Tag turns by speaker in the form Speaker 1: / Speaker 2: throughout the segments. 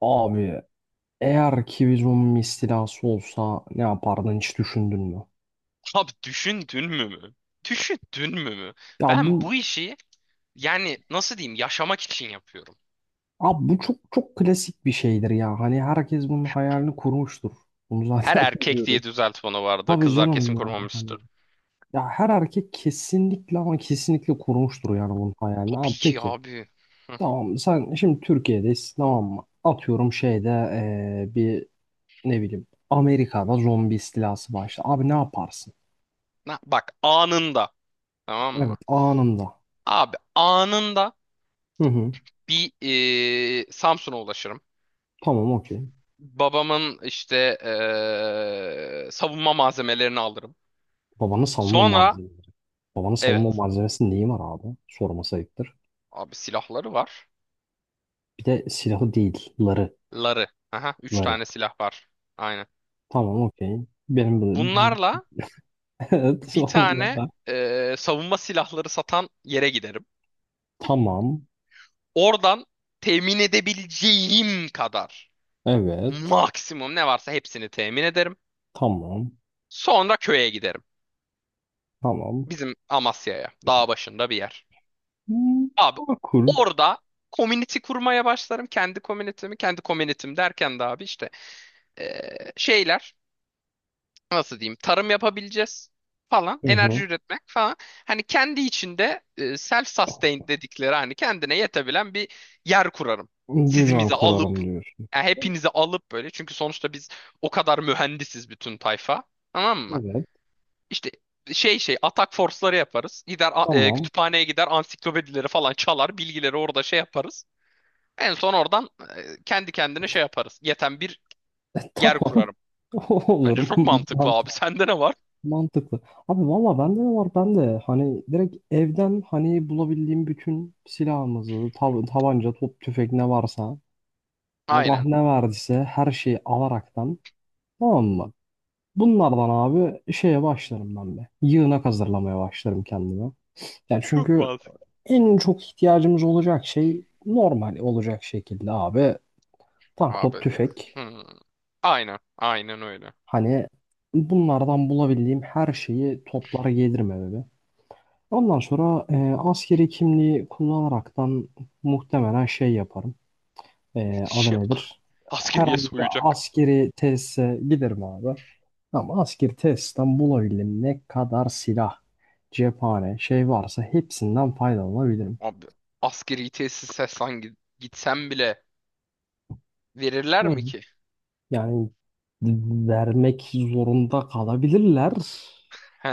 Speaker 1: Abi eğer ki bir zombi istilası olsa ne yapardın hiç düşündün mü?
Speaker 2: Abi düşündün mü? Düşündün mü?
Speaker 1: Ya
Speaker 2: Ben
Speaker 1: bu
Speaker 2: bu işi, yani nasıl diyeyim, yaşamak için yapıyorum.
Speaker 1: abi bu çok çok klasik bir şeydir ya. Hani herkes bunun hayalini kurmuştur. Bunu
Speaker 2: Her
Speaker 1: zaten
Speaker 2: erkek
Speaker 1: biliyoruz.
Speaker 2: diye düzelt, bana vardı.
Speaker 1: Tabii
Speaker 2: Kızlar kesin
Speaker 1: canım yani hani.
Speaker 2: korumamıştır.
Speaker 1: Ya her erkek kesinlikle ama kesinlikle kurmuştur yani bunun hayalini.
Speaker 2: Tabii
Speaker 1: Abi
Speaker 2: ki
Speaker 1: peki
Speaker 2: abi.
Speaker 1: tamam sen şimdi Türkiye'deyiz tamam mı? Atıyorum şeyde bir ne bileyim Amerika'da zombi istilası başladı. Abi ne yaparsın?
Speaker 2: Bak, anında, tamam
Speaker 1: Evet
Speaker 2: mı?
Speaker 1: anında.
Speaker 2: Abi, anında
Speaker 1: Hı hı.
Speaker 2: bir Samsun'a ulaşırım.
Speaker 1: Tamam okey.
Speaker 2: Babamın işte savunma malzemelerini alırım.
Speaker 1: Babanın savunma
Speaker 2: Sonra,
Speaker 1: malzemeleri. Babanın savunma
Speaker 2: evet
Speaker 1: malzemesi neyi var abi? Sorması ayıptır.
Speaker 2: abi, silahları var.
Speaker 1: Bir de silahı değil. Ları.
Speaker 2: Ları. Aha, üç
Speaker 1: Ları.
Speaker 2: tane silah var. Aynen.
Speaker 1: Tamam okey. Benim bu- biz
Speaker 2: Bunlarla
Speaker 1: Evet
Speaker 2: bir
Speaker 1: sonunda
Speaker 2: tane
Speaker 1: da.
Speaker 2: savunma silahları satan yere giderim.
Speaker 1: Tamam.
Speaker 2: Oradan temin edebileceğim kadar
Speaker 1: Evet.
Speaker 2: maksimum ne varsa hepsini temin ederim.
Speaker 1: Tamam.
Speaker 2: Sonra köye giderim.
Speaker 1: Tamam.
Speaker 2: Bizim Amasya'ya, dağ başında bir yer.
Speaker 1: Hmm,
Speaker 2: Abi,
Speaker 1: makul.
Speaker 2: orada community kurmaya başlarım. Kendi community'mi, kendi community'm derken de abi işte e, şeyler, nasıl diyeyim, tarım yapabileceğiz falan,
Speaker 1: Hı hı.
Speaker 2: enerji üretmek falan, hani kendi içinde self sustained dedikleri, hani kendine yetebilen bir yer kurarım.
Speaker 1: Düzen
Speaker 2: Sizimizi
Speaker 1: kurarım
Speaker 2: alıp,
Speaker 1: diyorsun.
Speaker 2: yani hepinizi alıp böyle, çünkü sonuçta biz o kadar mühendisiz, bütün tayfa, tamam mı?
Speaker 1: Evet.
Speaker 2: İşte atak force'ları yaparız.
Speaker 1: Tamam.
Speaker 2: Kütüphaneye gider, ansiklopedileri falan çalar, bilgileri orada şey yaparız. En son oradan kendi kendine şey yaparız. Yeten bir yer
Speaker 1: Tamam.
Speaker 2: kurarım. Bence çok
Speaker 1: Olurum.
Speaker 2: mantıklı abi. Sende ne var?
Speaker 1: Mantıklı. Abi valla bende ne var? Ben de hani direkt evden hani bulabildiğim bütün silahımızı, tabanca, top, tüfek ne varsa Allah
Speaker 2: Aynen.
Speaker 1: ne verdiyse her şeyi alaraktan tamam mı? Bunlardan abi şeye başlarım ben de. Yığınak hazırlamaya başlarım kendime. Yani
Speaker 2: Çok
Speaker 1: çünkü
Speaker 2: mantıklı.
Speaker 1: en çok ihtiyacımız olacak şey normal olacak şekilde abi tank,
Speaker 2: Abi.
Speaker 1: top, tüfek.
Speaker 2: Hmm. Aynen. Aynen öyle.
Speaker 1: Hani bunlardan bulabildiğim her şeyi toplara gelirim eve. Ondan sonra askeri kimliği kullanaraktan muhtemelen şey yaparım. Adı
Speaker 2: Şey, ah.
Speaker 1: nedir?
Speaker 2: Askeriye
Speaker 1: Herhangi bir
Speaker 2: soyacak.
Speaker 1: askeri tesise giderim abi. Ama askeri tesisten bulabildiğim ne kadar silah, cephane, şey varsa hepsinden faydalanabilirim.
Speaker 2: Abi. Askeri tesise sen gitsen bile verirler
Speaker 1: Hı.
Speaker 2: mi ki?
Speaker 1: Yani vermek zorunda kalabilirler.
Speaker 2: He,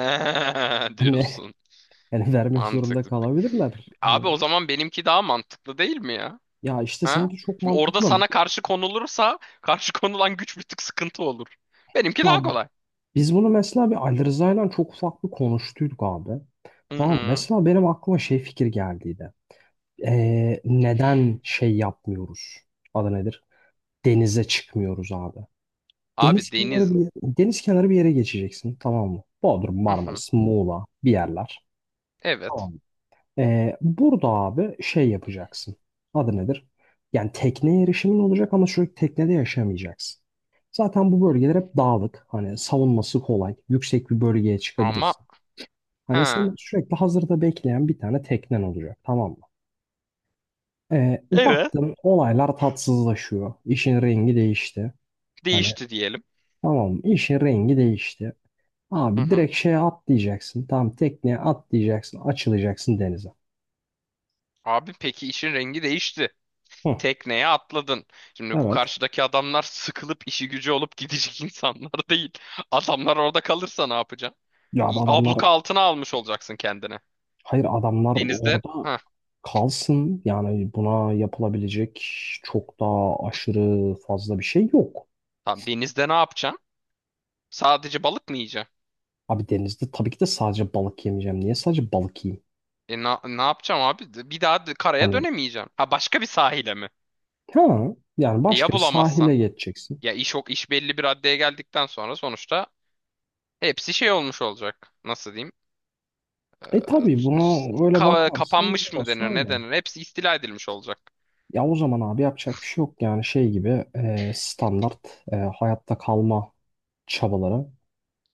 Speaker 1: Hani
Speaker 2: diyorsun.
Speaker 1: yani vermek zorunda
Speaker 2: Mantıklı.
Speaker 1: kalabilirler.
Speaker 2: Abi, o
Speaker 1: Hani
Speaker 2: zaman benimki daha mantıklı değil mi ya?
Speaker 1: ya İşte
Speaker 2: Ha?
Speaker 1: seninki çok
Speaker 2: Şimdi orada
Speaker 1: mantıklı.
Speaker 2: sana karşı konulursa, karşı konulan güç bir tık sıkıntı olur. Benimki
Speaker 1: Ya
Speaker 2: daha kolay.
Speaker 1: biz bunu mesela bir Ali Rıza'yla çok ufak bir konuştuyduk abi.
Speaker 2: Hı
Speaker 1: Tamam mı?
Speaker 2: hı.
Speaker 1: Mesela benim aklıma şey fikir geldiydi. Neden şey yapmıyoruz? Adı nedir? Denize çıkmıyoruz abi.
Speaker 2: Abi, deniz.
Speaker 1: Deniz kenarı bir yere geçeceksin tamam mı? Bodrum,
Speaker 2: Hı hı.
Speaker 1: Marmaris, Muğla bir yerler.
Speaker 2: Evet.
Speaker 1: Tamam mı? Burada abi şey yapacaksın. Adı nedir? Yani tekneye erişimin olacak ama sürekli teknede yaşamayacaksın. Zaten bu bölgeler hep dağlık. Hani savunması kolay. Yüksek bir bölgeye
Speaker 2: Ama,
Speaker 1: çıkabilirsin. Hani senin
Speaker 2: ha.
Speaker 1: sürekli hazırda bekleyen bir tane teknen olacak tamam mı?
Speaker 2: Evet.
Speaker 1: Baktın olaylar tatsızlaşıyor. İşin rengi değişti. Hani
Speaker 2: Değişti diyelim.
Speaker 1: tamam mı? İşin rengi değişti.
Speaker 2: Hı
Speaker 1: Abi
Speaker 2: hı.
Speaker 1: direkt şeye atlayacaksın. Tamam tekneye atlayacaksın. Açılacaksın denize.
Speaker 2: Abi, peki, işin rengi değişti.
Speaker 1: Hı,
Speaker 2: Tekneye atladın. Şimdi bu
Speaker 1: evet.
Speaker 2: karşıdaki adamlar sıkılıp işi gücü olup gidecek insanlar değil. Adamlar orada kalırsa ne yapacaksın?
Speaker 1: Ya abi adamlar
Speaker 2: Abluka altına almış olacaksın kendini.
Speaker 1: hayır adamlar
Speaker 2: Denizde,
Speaker 1: orada
Speaker 2: ha,
Speaker 1: kalsın. Yani buna yapılabilecek çok daha aşırı fazla bir şey yok.
Speaker 2: tamam, denizde ne yapacaksın? Sadece balık mı yiyeceksin?
Speaker 1: Abi denizde tabii ki de sadece balık yemeyeceğim. Niye sadece balık yiyeyim?
Speaker 2: Ne yapacağım abi? Bir daha karaya
Speaker 1: Hani
Speaker 2: dönemeyeceğim. Ha, başka bir sahile mi?
Speaker 1: ha, yani
Speaker 2: Ya
Speaker 1: başka bir sahile
Speaker 2: bulamazsan?
Speaker 1: geçeceksin.
Speaker 2: Ya, iş belli bir raddeye geldikten sonra, sonuçta hepsi şey olmuş olacak. Nasıl diyeyim?
Speaker 1: E
Speaker 2: Ee,
Speaker 1: tabii buna öyle bakarsan
Speaker 2: Kapanmış mı
Speaker 1: orası
Speaker 2: denir, ne
Speaker 1: öyle.
Speaker 2: denir? Hepsi istila edilmiş olacak,
Speaker 1: Ya o zaman abi yapacak bir şey yok yani şey gibi standart hayatta kalma çabaları.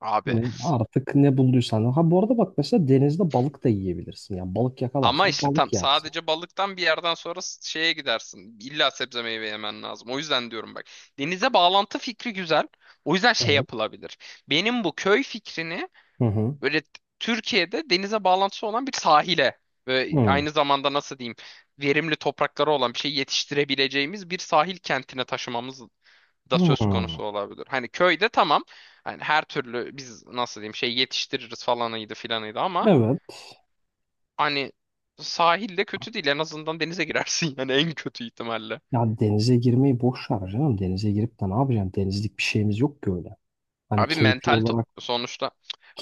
Speaker 2: abi.
Speaker 1: Hani artık ne bulduysan. Ha bu arada bak mesela denizde balık da yiyebilirsin. Yani balık
Speaker 2: Ama
Speaker 1: yakalarsan
Speaker 2: işte,
Speaker 1: balık
Speaker 2: tam
Speaker 1: yersin.
Speaker 2: sadece balıktan bir yerden sonra şeye gidersin. İlla sebze meyve yemen lazım. O yüzden diyorum bak. Denize bağlantı fikri güzel. O yüzden şey
Speaker 1: Evet.
Speaker 2: yapılabilir. Benim bu köy fikrini
Speaker 1: Hı hı.
Speaker 2: böyle Türkiye'de denize bağlantısı olan bir sahile ve
Speaker 1: Hı.
Speaker 2: aynı zamanda, nasıl diyeyim, verimli toprakları olan, bir şey yetiştirebileceğimiz bir sahil kentine taşımamız da
Speaker 1: Hı.
Speaker 2: söz konusu olabilir. Hani köyde, tamam. Hani her türlü biz, nasıl diyeyim, şey yetiştiririz falanıydı filanıydı, ama
Speaker 1: Evet.
Speaker 2: hani sahilde kötü değil. En azından denize girersin, yani en kötü ihtimalle.
Speaker 1: Ya denize girmeyi boş ver canım. Denize girip de ne yapacaksın? Denizlik bir şeyimiz yok ki öyle. Hani
Speaker 2: Abi,
Speaker 1: keyfi
Speaker 2: mental
Speaker 1: olarak
Speaker 2: sonuçta.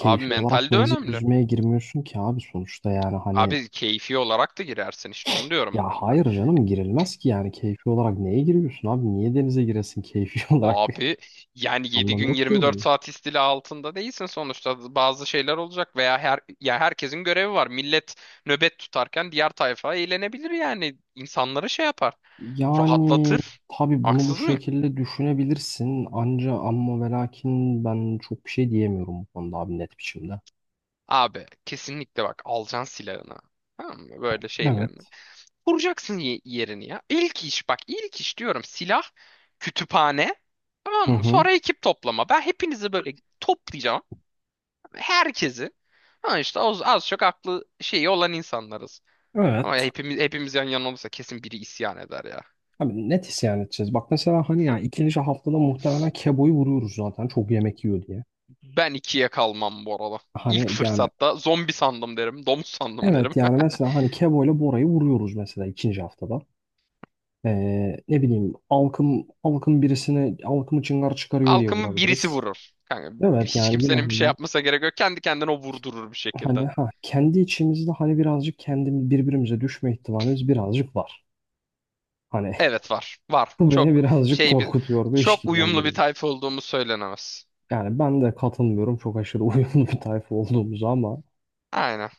Speaker 2: Abi,
Speaker 1: olarak
Speaker 2: mental de
Speaker 1: denize
Speaker 2: önemli.
Speaker 1: yüzmeye girmiyorsun ki abi sonuçta yani hani
Speaker 2: Abi, keyfi olarak da girersin, işte onu diyorum
Speaker 1: ya
Speaker 2: ben de.
Speaker 1: hayır canım girilmez ki yani keyfi olarak neye giriyorsun abi niye denize giresin keyfi olarak
Speaker 2: Abi yani, 7
Speaker 1: anlamı
Speaker 2: gün
Speaker 1: yok ki
Speaker 2: 24
Speaker 1: onun.
Speaker 2: saat istila altında değilsin, sonuçta bazı şeyler olacak, veya herkesin görevi var. Millet nöbet tutarken diğer tayfa eğlenebilir, yani insanlara şey yapar.
Speaker 1: Yani
Speaker 2: Rahatlatır.
Speaker 1: tabii bunu bu
Speaker 2: Haksız mıyım?
Speaker 1: şekilde düşünebilirsin anca amma ve lakin ben çok bir şey diyemiyorum bu konuda abi net biçimde.
Speaker 2: Abi kesinlikle, bak, alacaksın silahını. Tamam mı? Böyle şeylerini.
Speaker 1: Evet.
Speaker 2: Vuracaksın yerini ya. İlk iş, bak, ilk iş diyorum: silah, kütüphane. Tamam
Speaker 1: Hı
Speaker 2: mı?
Speaker 1: hı.
Speaker 2: Sonra ekip toplama. Ben hepinizi böyle toplayacağım. Herkesi. Ha işte az çok aklı şeyi olan insanlarız. Ama
Speaker 1: Evet.
Speaker 2: hepimiz yan yana olursa, kesin biri isyan eder ya.
Speaker 1: Abi net isyan edeceğiz. Bak mesela hani ya ikinci haftada muhtemelen Kebo'yu vuruyoruz zaten çok yemek yiyor diye.
Speaker 2: Ben ikiye kalmam bu arada. İlk
Speaker 1: Hani yani
Speaker 2: fırsatta zombi sandım derim, domuz sandım derim.
Speaker 1: evet yani mesela hani Kebo ile Bora'yı vuruyoruz mesela ikinci haftada. Ne bileyim Alkım birisini Alkım'ı çıngar çıkarıyor diye
Speaker 2: Halkımı birisi
Speaker 1: vurabiliriz.
Speaker 2: vurur. Kanka,
Speaker 1: Evet
Speaker 2: hiç
Speaker 1: yani yine
Speaker 2: kimsenin bir şey
Speaker 1: hani,
Speaker 2: yapmasa gerek yok. Kendi kendine o vurdurur bir
Speaker 1: hani
Speaker 2: şekilde.
Speaker 1: ha kendi içimizde hani birazcık kendim birbirimize düşme ihtimalimiz birazcık var. Hani
Speaker 2: Evet var. Var.
Speaker 1: bu beni
Speaker 2: Çok
Speaker 1: birazcık
Speaker 2: şey bir
Speaker 1: korkutuyor ve
Speaker 2: çok uyumlu bir
Speaker 1: işkillendiriyor.
Speaker 2: tayfa olduğumuz söylenemez.
Speaker 1: Yani ben de katılmıyorum çok aşırı uyumlu bir tayfa olduğumuzu ama
Speaker 2: Aynen.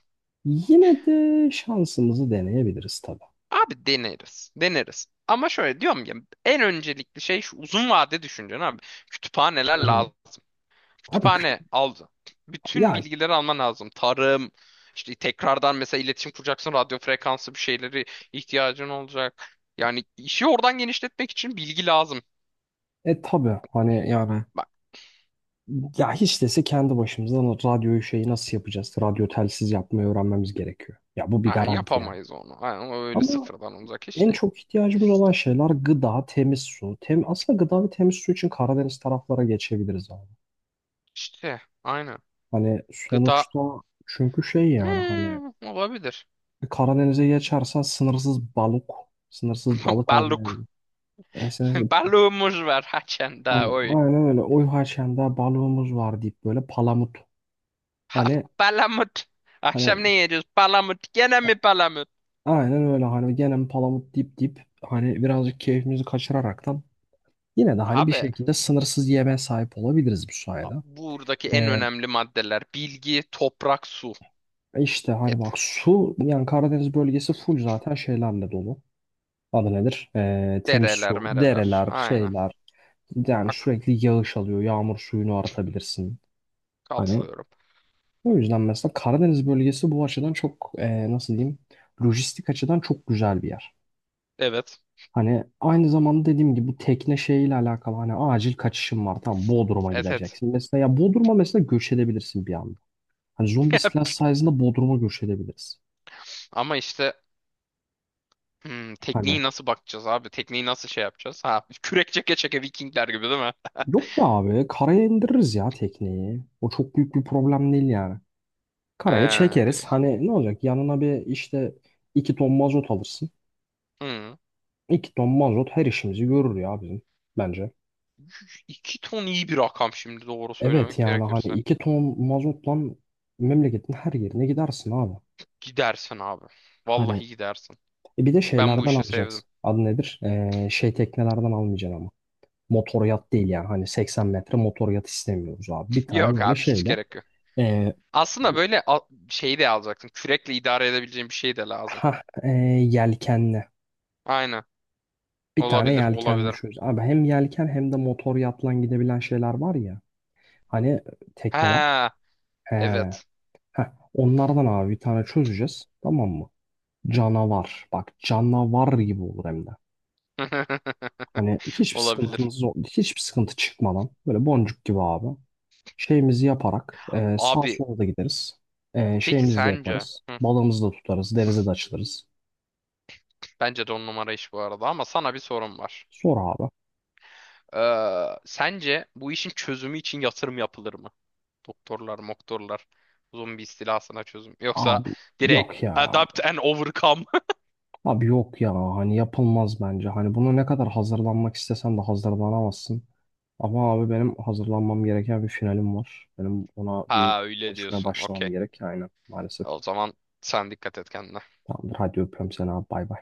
Speaker 1: yine de şansımızı deneyebiliriz tabii.
Speaker 2: Abi deneriz. Deneriz. Ama şöyle diyorum ya, en öncelikli şey şu: uzun vade düşüncen abi. Kütüphaneler
Speaker 1: Hı hı.
Speaker 2: lazım.
Speaker 1: Abi
Speaker 2: Kütüphane aldı. Bütün
Speaker 1: ya
Speaker 2: bilgileri alman lazım. Tarım, işte, tekrardan mesela iletişim kuracaksın. Radyo frekansı bir şeyleri ihtiyacın olacak. Yani işi oradan genişletmek için bilgi lazım.
Speaker 1: e tabii hani yani ya hiç dese kendi başımıza radyoyu şeyi nasıl yapacağız? Radyo telsiz yapmayı öğrenmemiz gerekiyor. Ya bu bir
Speaker 2: Aynen,
Speaker 1: garanti yani.
Speaker 2: yapamayız onu. Aynen, o öyle
Speaker 1: Ama
Speaker 2: sıfırdan olacak iş
Speaker 1: en
Speaker 2: değil.
Speaker 1: çok ihtiyacımız olan şeyler gıda, temiz su. Tem aslında gıda ve temiz su için Karadeniz taraflara geçebiliriz abi.
Speaker 2: İşte aynen.
Speaker 1: Hani
Speaker 2: Gıda.
Speaker 1: sonuçta çünkü şey yani hani
Speaker 2: Olabilir.
Speaker 1: Karadeniz'e geçersen sınırsız balık, sınırsız balık
Speaker 2: Balık.
Speaker 1: avlayabilirsin. Yani sınırsız-
Speaker 2: Balığımız var haçan daha
Speaker 1: Hani,
Speaker 2: oy.
Speaker 1: aynen öyle. Oy haşende balığımız var deyip böyle palamut.
Speaker 2: Ha,
Speaker 1: Hani
Speaker 2: palamut.
Speaker 1: hani
Speaker 2: Akşam ne yiyeceğiz? Palamut. Gene mi palamut?
Speaker 1: aynen öyle hani gene palamut dip dip hani birazcık keyfimizi kaçıraraktan yine de hani bir
Speaker 2: Abi,
Speaker 1: şekilde sınırsız yemeğe sahip olabiliriz bu sayede.
Speaker 2: buradaki en
Speaker 1: Ee,
Speaker 2: önemli maddeler: bilgi, toprak, su,
Speaker 1: işte
Speaker 2: et,
Speaker 1: hani bak su yani Karadeniz bölgesi full zaten şeylerle dolu. Adı nedir? Temiz
Speaker 2: dereler,
Speaker 1: su,
Speaker 2: mereler.
Speaker 1: dereler,
Speaker 2: Aynen.
Speaker 1: şeyler. Yani
Speaker 2: Ak
Speaker 1: sürekli yağış alıyor. Yağmur suyunu aratabilirsin. Hani
Speaker 2: Katılıyorum.
Speaker 1: o yüzden mesela Karadeniz bölgesi bu açıdan çok nasıl diyeyim? Lojistik açıdan çok güzel bir yer.
Speaker 2: Evet.
Speaker 1: Hani aynı zamanda dediğim gibi bu tekne şeyiyle alakalı hani acil kaçışın var tamam Bodrum'a
Speaker 2: Et et.
Speaker 1: gideceksin. Mesela ya Bodrum'a mesela göç edebilirsin bir anda. Hani zombi istilası sayesinde Bodrum'a göç edebiliriz.
Speaker 2: Ama işte
Speaker 1: Hani
Speaker 2: tekniği nasıl bakacağız abi? Tekniği nasıl şey yapacağız? Ha, kürek çeke çeke Vikingler gibi değil mi?
Speaker 1: yok be abi karaya indiririz ya tekneyi. O çok büyük bir problem değil yani. Karaya
Speaker 2: He,
Speaker 1: çekeriz.
Speaker 2: diyorsun.
Speaker 1: Hani ne olacak yanına bir işte iki ton mazot alırsın.
Speaker 2: Hmm.
Speaker 1: İki ton mazot her işimizi görür ya bizim bence.
Speaker 2: 2 ton iyi bir rakam şimdi, doğru
Speaker 1: Evet
Speaker 2: söylemek
Speaker 1: yani hani
Speaker 2: gerekirse.
Speaker 1: iki ton mazotla memleketin her yerine gidersin abi.
Speaker 2: Gidersin abi.
Speaker 1: Hani
Speaker 2: Vallahi gidersin.
Speaker 1: e bir de
Speaker 2: Ben bu
Speaker 1: şeylerden
Speaker 2: işi sevdim.
Speaker 1: alacaksın. Adı nedir? Şey teknelerden almayacaksın ama. Motor yat değil yani. Hani 80 metre motor yat istemiyoruz abi. Bir tane
Speaker 2: Yok
Speaker 1: böyle
Speaker 2: abi, hiç
Speaker 1: şeyle.
Speaker 2: gerek yok.
Speaker 1: Ee,
Speaker 2: Aslında böyle şey de alacaksın. Kürekle idare edebileceğin bir şey de lazım.
Speaker 1: ha e, Yelkenli.
Speaker 2: Aynen.
Speaker 1: Bir tane
Speaker 2: Olabilir,
Speaker 1: yelkenli
Speaker 2: olabilir.
Speaker 1: şöyle. Abi hem yelken hem de motor yatla gidebilen şeyler var ya. Hani tekneler.
Speaker 2: Ha,
Speaker 1: He,
Speaker 2: evet.
Speaker 1: heh, onlardan abi bir tane çözeceğiz. Tamam mı? Canavar. Bak canavar gibi olur hem de. Hani hiçbir
Speaker 2: Olabilir.
Speaker 1: sıkıntımız yok. Hiçbir sıkıntı çıkmadan. Böyle boncuk gibi abi. Şeyimizi yaparak sağa
Speaker 2: Abi,
Speaker 1: sola da gideriz.
Speaker 2: peki
Speaker 1: Şeyimizi de
Speaker 2: sence?
Speaker 1: yaparız. Balığımızı da tutarız. Denize de açılırız.
Speaker 2: Bence de on numara iş bu arada, ama sana bir sorum var.
Speaker 1: Sor abi.
Speaker 2: Sence bu işin çözümü için yatırım yapılır mı? Doktorlar, moktorlar, zombi istilasına çözüm. Yoksa
Speaker 1: Abi
Speaker 2: direkt
Speaker 1: yok ya.
Speaker 2: adapt and overcome.
Speaker 1: Abi yok ya. Hani yapılmaz bence. Hani bunu ne kadar hazırlanmak istesen de hazırlanamazsın. Ama abi benim hazırlanmam gereken bir finalim var. Benim ona bir
Speaker 2: Ha, öyle
Speaker 1: çalışmaya
Speaker 2: diyorsun.
Speaker 1: başlamam
Speaker 2: Okey.
Speaker 1: gerek. Aynen maalesef.
Speaker 2: O zaman sen dikkat et kendine.
Speaker 1: Tamamdır. Hadi öpüyorum seni abi. Bay bay.